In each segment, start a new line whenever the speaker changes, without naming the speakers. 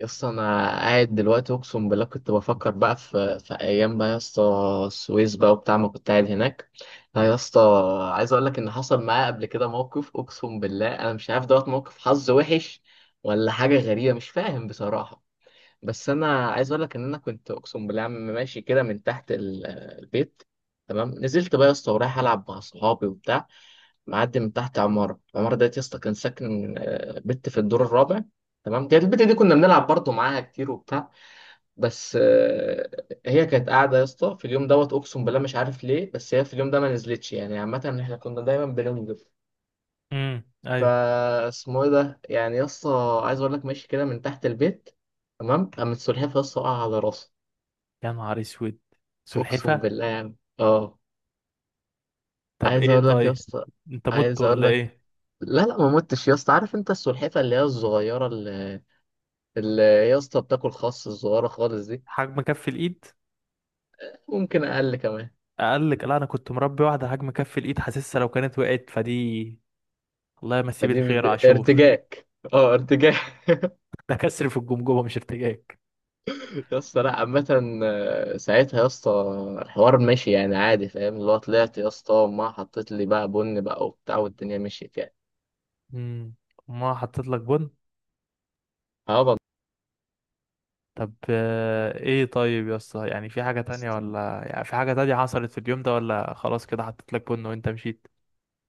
يا اسطى، انا قاعد دلوقتي اقسم بالله كنت بفكر بقى في ايام بقى يا اسطى، السويس بقى وبتاع ما كنت قاعد هناك. لا يا اسطى، عايز اقول لك ان حصل معايا قبل كده موقف. اقسم بالله انا مش عارف، دوت موقف حظ وحش ولا حاجه غريبه، مش فاهم بصراحه. بس انا عايز اقول لك ان انا كنت اقسم بالله عم ماشي كده من تحت البيت. تمام، نزلت بقى يا اسطى ورايح العب مع صحابي وبتاع، معدي من تحت العمارة ديت. يا اسطى كان ساكن بنت في الدور الرابع. تمام، كانت البت دي كنا بنلعب برضه معاها كتير وبتاع. بس هي كانت قاعدة يا اسطى في اليوم دوت. أقسم بالله مش عارف ليه، بس هي في اليوم ده ما نزلتش يعني. عامة احنا كنا دايما بننزل.
ايوه.
فا اسمه ايه ده يعني يا اسطى، عايز اقول لك ماشي كده من تحت البيت. تمام، قامت سلحفاة يا اسطى وقع على راسها.
يا نهار اسود.
أقسم
سلحفه؟
بالله يعني
طب
عايز
ايه
اقول لك يا
طيب،
اسطى،
انت مت
عايز اقول
ولا
لك.
ايه؟
لا لا، ما متش يا اسطى. عارف انت السلحفاه اللي هي الصغيره اللي يا اسطى بتاكل خس، الصغيره خالص دي.
حجم كف الايد.
ممكن اقل كمان.
اقل لك؟ لا، انا كنت مربي واحده حجم كف الايد، حاسسها لو كانت وقعت فدي. الله يمسيه
فدي
بالخير عاشور.
ارتجاك. اه ارتجاك.
ده كسر في الجمجمه مش ارتجاج.
يا اسطى لا، عامة ساعتها يا اسطى الحوار ماشي يعني عادي فاهم. اللي هو طلعت يا اسطى وما حطيت لي بقى بن بقى وبتاع، والدنيا مشيت يعني.
امم ما حطيت لك بن.
اه والله.
طب ايه طيب يا اسطى؟ يعني في حاجه
يا
تانية،
اسطى
ولا يعني في حاجه تانية حصلت في اليوم ده، ولا خلاص كده حطيت لك بن وانت مشيت؟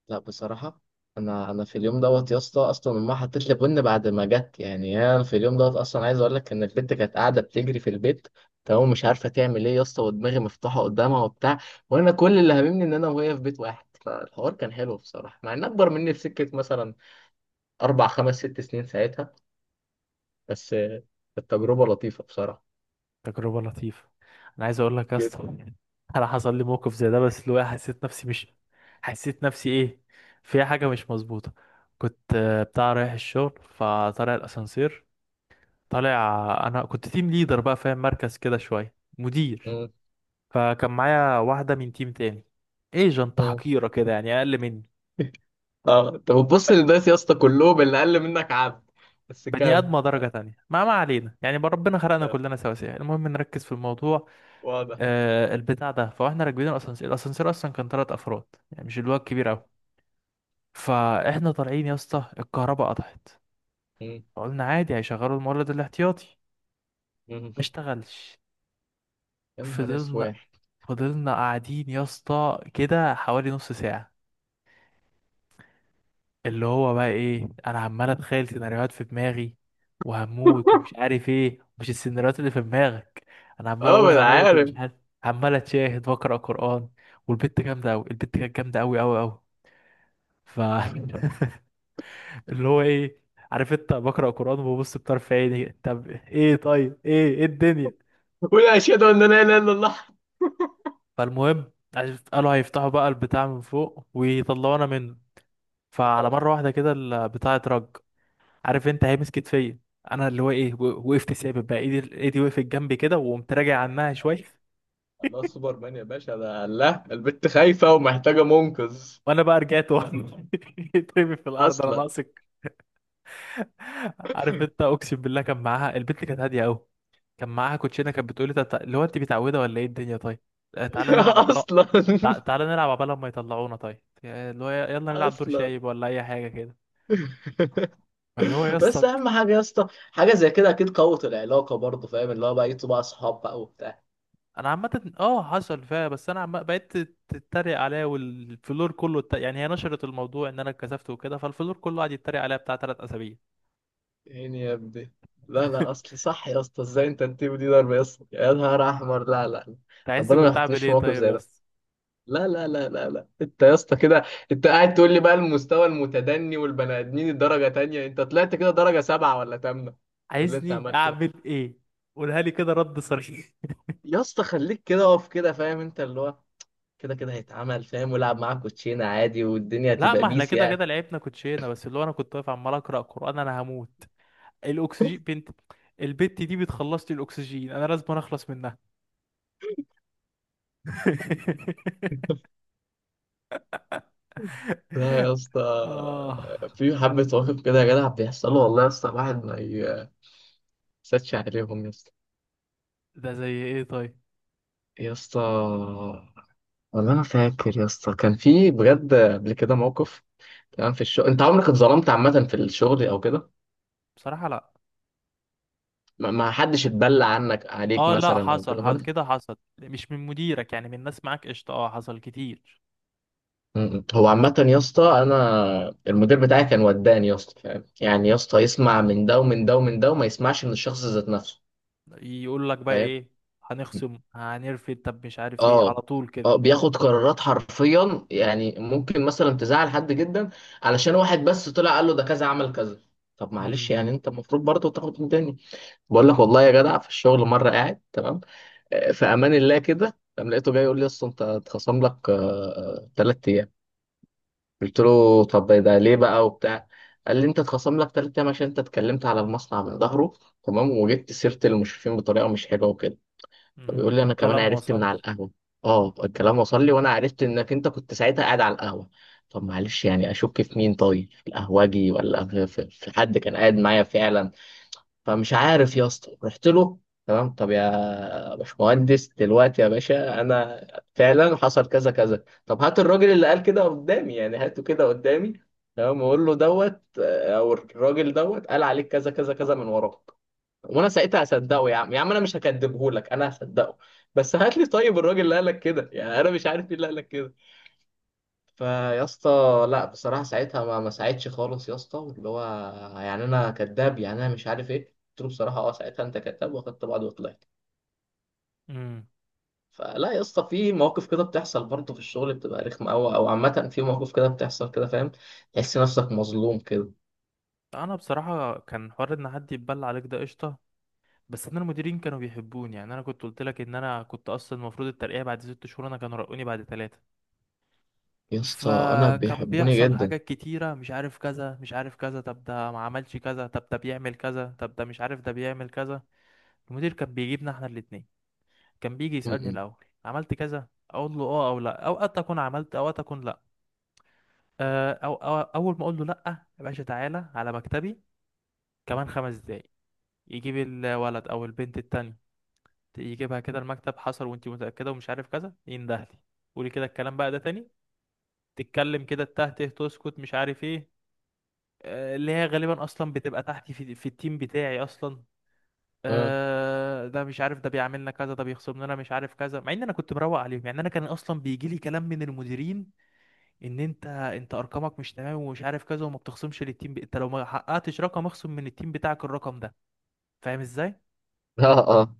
لا، بصراحة أنا في اليوم دوت يا اسطى أصلا أمها حطت لي بن بعد ما جت يعني. أنا في اليوم دوت أصلا عايز أقول لك إن البنت كانت قاعدة بتجري في البيت. تمام، مش عارفة تعمل إيه يا اسطى، ودماغي مفتوحة قدامها وبتاع. وأنا كل اللي هاممني إن أنا وهي في بيت واحد، فالحوار كان حلو بصراحة مع إن أكبر مني بسكة مثلا 4 5 6 سنين ساعتها. بس التجربة لطيفة بصراحة
تجربة لطيفة. انا عايز اقول لك يا
جدا.
اسطى، انا حصل لي موقف زي ده، بس اللي هو حسيت نفسي مش، حسيت نفسي ايه، فيها حاجة مش مظبوطة. كنت بتاع رايح الشغل، فطالع الاسانسير. طالع، انا كنت تيم ليدر بقى فاهم، مركز كده شوية مدير.
مم.
فكان معايا واحدة من تيم تاني، ايجنت
مم.
حقيرة كده يعني، اقل مني.
أه أنت بتبص للناس يا اسطى كلهم اللي أقل منك عبد. بس
بني
كام
ادمه
كام
درجه تانية، ما علينا يعني بقى، ربنا خلقنا
كام
كلنا سواسية، المهم نركز في الموضوع.
واضح.
البتاع ده، فاحنا راكبين الاسانسير. الاسانسير اصلا كان 3 افراد، يعني مش اللي هو الكبير قوي. فاحنا طالعين يا اسطى، الكهرباء قطعت. فقلنا عادي، هيشغلوا المولد الاحتياطي.
مم.
ما اشتغلش.
يا نهار
فضلنا
اسود.
فضلنا قاعدين يا اسطى كده حوالي نص ساعة. اللي هو بقى ايه، انا عمال اتخيل سيناريوهات في دماغي، وهموت ومش عارف ايه، مش السيناريوهات اللي في دماغك. انا عمال
اه
اقول
ما انا
هموت
عارف.
ومش عارف. عمال اتشاهد واقرا قرآن. والبت جامدة قوي، البت كانت جامدة قوي قوي قوي. ف اللي هو ايه، عارف انت، بقرا قران وببص بطرف عيني. طب ايه طيب ايه، ايه الدنيا؟
قول اشهد ان لا اله الا الله.
فالمهم، قالوا هيفتحوا بقى البتاع من فوق ويطلعونا منه. فعلى
آه،
مره واحده كده البتاع اترج. عارف انت، هيمس كتفيا. انا اللي هو ايه، وقفت ثابت بقى، ايدي ايدي وقفت جنبي كده، وقمت راجع عنها
آه.
شويه.
الله سوبرمان يا باشا، ده الله. البت خايفه ومحتاجه منقذ.
وانا بقى رجعت ورا اترمي في الارض، انا
اصلا.
ناقصك؟ عارف انت، اقسم بالله كان معاها، البنت كانت هاديه قوي. كان معاها كوتشينه كانت بتقولي طب، اللي هو انت متعوده ولا ايه الدنيا؟ طيب. تعالى نلعب عبالة.
اصلا.
تعالى نلعب عبالة ما يطلعونا طيب، اللي هو، يلا نلعب دور
اصلا.
شايب ولا اي حاجه كده. فاللي هو يا
بس
اسطى،
اهم حاجه يا اسطى، حاجه زي كده اكيد قوت العلاقه برضه، فاهم اللي هو بقى يبقوا بقى اصحاب بقى وبتاع.
انا عامه اه حصل فيها، بس انا عم بقيت تتريق عليا، والفلور كله، يعني هي نشرت الموضوع ان انا اتكسفت وكده، فالفلور كله قعد يتريق عليا بتاع 3 اسابيع.
يعني يا ابني، لا لا، اصل صح يا اسطى. ازاي انت التيم دي ضرب يا اسطى؟ يا نهار احمر. لا لا،
انت عايزني
ربنا ما
كنت اعمل
يحطنيش في
ايه
موقف
طيب
زي
يا
ده.
اسطى؟
لا لا لا لا لا، انت يا اسطى كده. انت قاعد تقول لي بقى المستوى المتدني والبني ادمين الدرجه تانية، انت طلعت كده درجه سبعه ولا تامنه باللي انت
عايزني
عملته ده.
اعمل ايه؟ قولها لي كده، رد صريح.
يا اسطى خليك كده، اقف كده فاهم انت اللي هو، كده كده هيتعمل فاهم. ولعب معاك كوتشينه عادي والدنيا
لا،
هتبقى
ما احنا
بيس
كده
يعني.
كده لعبنا كوتشينه، بس اللي هو انا كنت واقف عمال اقرا قران، انا هموت. الاكسجين بنت. البت دي بتخلص لي الاكسجين، انا لازم اخلص منها.
لا يا اسطى،
اه.
في حبة مواقف كده يا جدع بيحصلوا والله يا اسطى، الواحد ما يسدش عليهم يا اسطى.
ده زي ايه طيب؟
يا اسطى والله انا فاكر يا اسطى كان في بجد قبل كده موقف. تمام، في الشغل انت عمرك اتظلمت عامه في الشغل او كده؟
بصراحة لا.
ما حدش اتبلى عنك عليك
اه لا،
مثلا او
حصل
كده
حصل
خالص؟
كده، حصل مش من مديرك يعني، من ناس معاك قشطة، اه حصل كتير.
م-م. هو عامه يا اسطى انا المدير بتاعي كان وداني يا اسطى، فاهم يعني يا اسطى يسمع من ده ومن ده ومن ده وما يسمعش من الشخص ذات نفسه.
يقول لك بقى
فاهم.
ايه؟ هنخصم، هنرفد، طب مش عارف ايه،
اه
على طول كده.
اه، بياخد قرارات حرفيا يعني. ممكن مثلا تزعل حد جدا علشان واحد بس طلع قال له ده كذا عمل كذا. طب معلش
امم
يعني، انت المفروض برضه تاخد من تاني. بقول لك والله يا جدع، في الشغل مره قاعد تمام في امان الله كده، قام لقيته جاي يقول لي اصل انت اتخصم لك 3 ايام. قلت له طب ده ليه بقى وبتاع؟ قال لي انت اتخصم لك ثلاث ايام عشان انت اتكلمت على المصنع من ظهره. تمام، وجبت سيره المشرفين بطريقه مش حلوه وكده. فبيقول لي انا كمان
والكلام
عرفت من
وصلني.
على القهوه. اه الكلام وصل لي وانا عرفت انك انت كنت ساعتها قاعد على القهوه. طب معلش يعني، اشك في مين طيب؟ في القهوجي ولا في حد كان قاعد معايا فعلا؟ فمش عارف يا اسطى، رحت له. تمام، طب يا باشمهندس دلوقتي يا باشا، انا فعلا حصل كذا كذا. طب هات الراجل اللي قال كده قدامي، يعني هاته كده قدامي. تمام، واقول له دوت او الراجل دوت قال عليك كذا كذا كذا من وراك. وانا ساعتها هصدقه يا عم يا عم، انا مش هكدبه لك، انا هصدقه. بس هات لي طيب الراجل اللي قال لك كده، يعني انا مش عارف مين اللي قال لك كده. فيا اسطى، لا بصراحه ساعتها ما ساعدش خالص يا اسطى. اللي هو يعني انا كذاب؟ يعني انا مش عارف ايه، قلت له بصراحه ساعتها انت كذاب، واخدت بعض وطلعت.
امم
فلا يا اسطى، في مواقف كده بتحصل برضه في الشغل بتبقى رخمه قوي، او عامه في مواقف كده بتحصل كده فاهم، تحس نفسك مظلوم كده.
انا بصراحة كان حوار ان حد يتبلى عليك ده قشطة. بس انا المديرين كانوا بيحبوني يعني، انا كنت قلت لك ان انا كنت اصلا المفروض الترقية بعد 6 شهور، انا كانوا رقوني بعد 3.
يا اسطى انا
فكان
بيحبوني
بيحصل
جدا.
حاجات كتيرة، مش عارف كذا، مش عارف كذا، طب ده ما عملش كذا، طب ده بيعمل كذا، طب ده مش عارف، ده بيعمل كذا. المدير كان بيجيبنا احنا الاتنين. كان بيجي يسألني
م-م.
الاول عملت كذا، اقول له اه او لا، اوقات اكون عملت، اوقات اكون لا. أو اول ما اقول له لا، يا باشا تعالى على مكتبي كمان 5 دقايق. يجيب الولد او البنت التانية، يجيبها كده المكتب، حصل وانت متأكدة ومش عارف كذا، يندهلي. قولي كده الكلام بقى ده تاني. تتكلم كده، التاه ته تسكت مش عارف ايه. اللي هي غالبا اصلا بتبقى تحتي في التيم بتاعي اصلا.
م.
آه ده مش عارف، ده بيعملنا كذا، ده بيخصم لنا مش عارف كذا، مع ان انا كنت مروق عليهم يعني، انا كان اصلا بيجي لي كلام من المديرين ان انت ارقامك مش تمام ومش عارف كذا، وما بتخصمش للتيم، انت لو ما حققتش رقم اخصم من التيم بتاعك الرقم ده. فاهم ازاي.
اه اه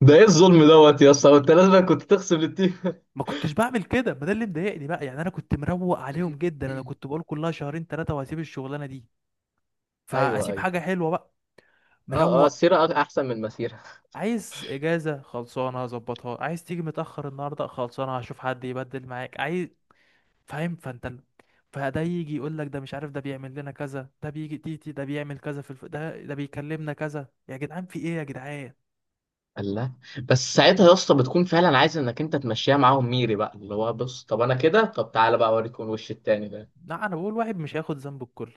ده ايه
فاللي هو
الظلم دوت يا اسطى؟ انت لازم كنت تخصم للتيم.
ما كنتش بعمل كده، ما ده اللي مضايقني بقى يعني، انا كنت مروق عليهم جدا، انا كنت بقول كلها شهرين ثلاثه وهسيب الشغلانه دي،
ايوه
فاسيب
ايوه.
حاجه حلوه بقى.
اه اه
مروق.
السيره احسن من المسيره.
عايز اجازه خلصانه هظبطها، عايز تيجي متاخر النهارده خلصانه هشوف حد يبدل معاك، عايز، فاهم. فده يجي يقول لك، ده مش عارف، ده بيعمل لنا كذا، ده بيجي تيتي، ده بيعمل كذا، ده بيكلمنا كذا، يا جدعان في ايه يا جدعان؟
الله. بس ساعتها يا اسطى بتكون فعلا عايز انك انت تمشيها معاهم ميري بقى. اللي هو بص، طب انا كده؟ طب تعالى بقى اوريك الوش التاني ده.
لا، انا بقول واحد مش هياخد ذنب الكل،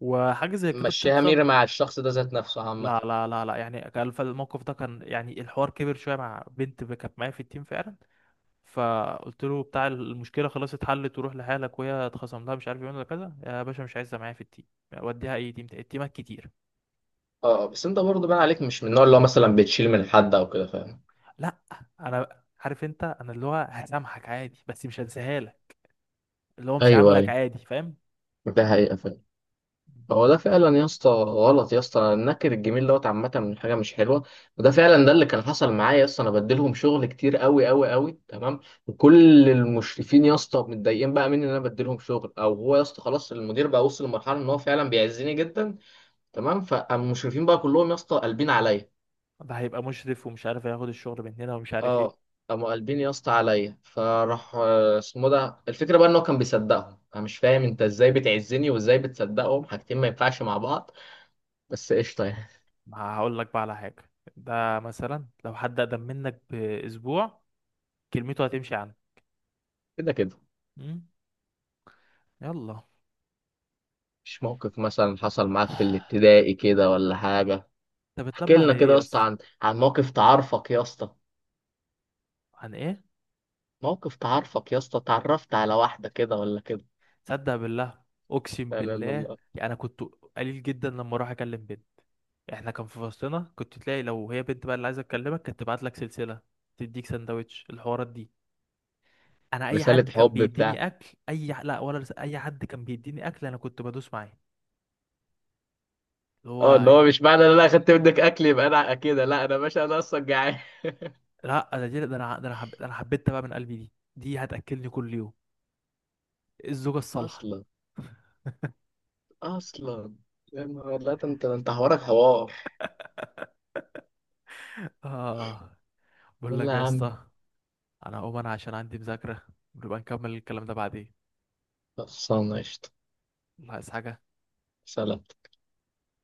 وحاجه زي كده
مشيها
بتحصل.
ميري مع الشخص ده ذات نفسه عامة.
لا، لا، لا، لا، يعني كان فالموقف ده، كان يعني الحوار كبر شويه مع بنت كانت معايا في التيم فعلا. فقلت له بتاع، المشكله خلاص اتحلت وروح لحالك، وهي اتخصم لها مش عارف ايه ولا كذا يا باشا، مش عايزها معايا في التيم، وديها اي تيم تاني. التيمات كتير.
اه بس انت برضه بقى عليك مش من النوع اللي هو مثلا بتشيل من حد او كده فاهم.
لا، انا عارف انت، انا اللي هو هسامحك عادي، بس مش هنساها لك. اللي هو مش
ايوه
عاملك
ايوه،
عادي، فاهم.
ده حقيقة فعلا. هو ده فعلا يا اسطى غلط يا اسطى، النكر الجميل دوت عامه من حاجه مش حلوه. وده فعلا ده اللي كان حصل معايا يا اسطى، انا بديلهم شغل كتير قوي قوي قوي تمام. وكل المشرفين يا اسطى متضايقين بقى مني ان انا بديلهم شغل. او هو يا اسطى خلاص المدير بقى وصل لمرحله ان هو فعلا بيعزني جدا. تمام، فالمشرفين بقى كلهم يا اسطى قلبين عليا.
ده هيبقى مشرف، ومش عارف هياخد الشغل مننا، ومش عارف ايه.
اه، قاموا قلبين يا اسطى عليا.
مم.
فراح اسمه ده، الفكره بقى ان هو كان بيصدقهم. انا مش فاهم انت ازاي بتعزني وازاي بتصدقهم؟ حاجتين ما ينفعش مع بعض. بس قشطه يعني.
ما هقول لك بقى على حاجه. ده مثلا لو حد اقدم منك باسبوع، كلمته هتمشي
كده كده.
عنه. يلا.
مش موقف مثلا حصل معاك في الابتدائي كده ولا حاجة؟
انت
احكي
بتلمع
لنا
لإيه
كده يا
يا
اسطى
اسطى؟
عن موقف تعرفك يا اسطى.
عن ايه؟
موقف تعرفك يا اسطى، تعرفت على واحدة كده ولا كده؟
صدق بالله. اقسم
لا لا
بالله.
لا لا.
يعني انا كنت قليل جدا لما اروح اكلم بنت. احنا كان في فصلنا، كنت تلاقي لو هي بنت بقى اللي عايزه تكلمك، كانت تبعت لك سلسله، تديك سندوتش، الحوارات دي. انا اي حد
رسالة
كان
حب بتاع؟
بيديني اكل، لا، اي حد كان بيديني اكل انا كنت بدوس معاه. اللي
اه
هو
اللي
دي...
هو مش معنى ان انا اخدت منك اكل يبقى انا كده، لا انا باشا انا اصلا جعان.
لا، ده دي... ده انا ده انا, حب... ده أنا حبيتها بقى من قلبي، دي هتاكلني كل يوم. الزوجه الصالحه.
اصلا. اصلا. يا نهار، لا ده انت حوارك حوار.
اه. بقول
يلا
لك
يا
يا
عم.
اسطى، انا هقوم انا عشان عندي مذاكرة، ونبقى نكمل الكلام ده بعدين.
خلصانة قشطة.
الله، عايز حاجة؟
سلام.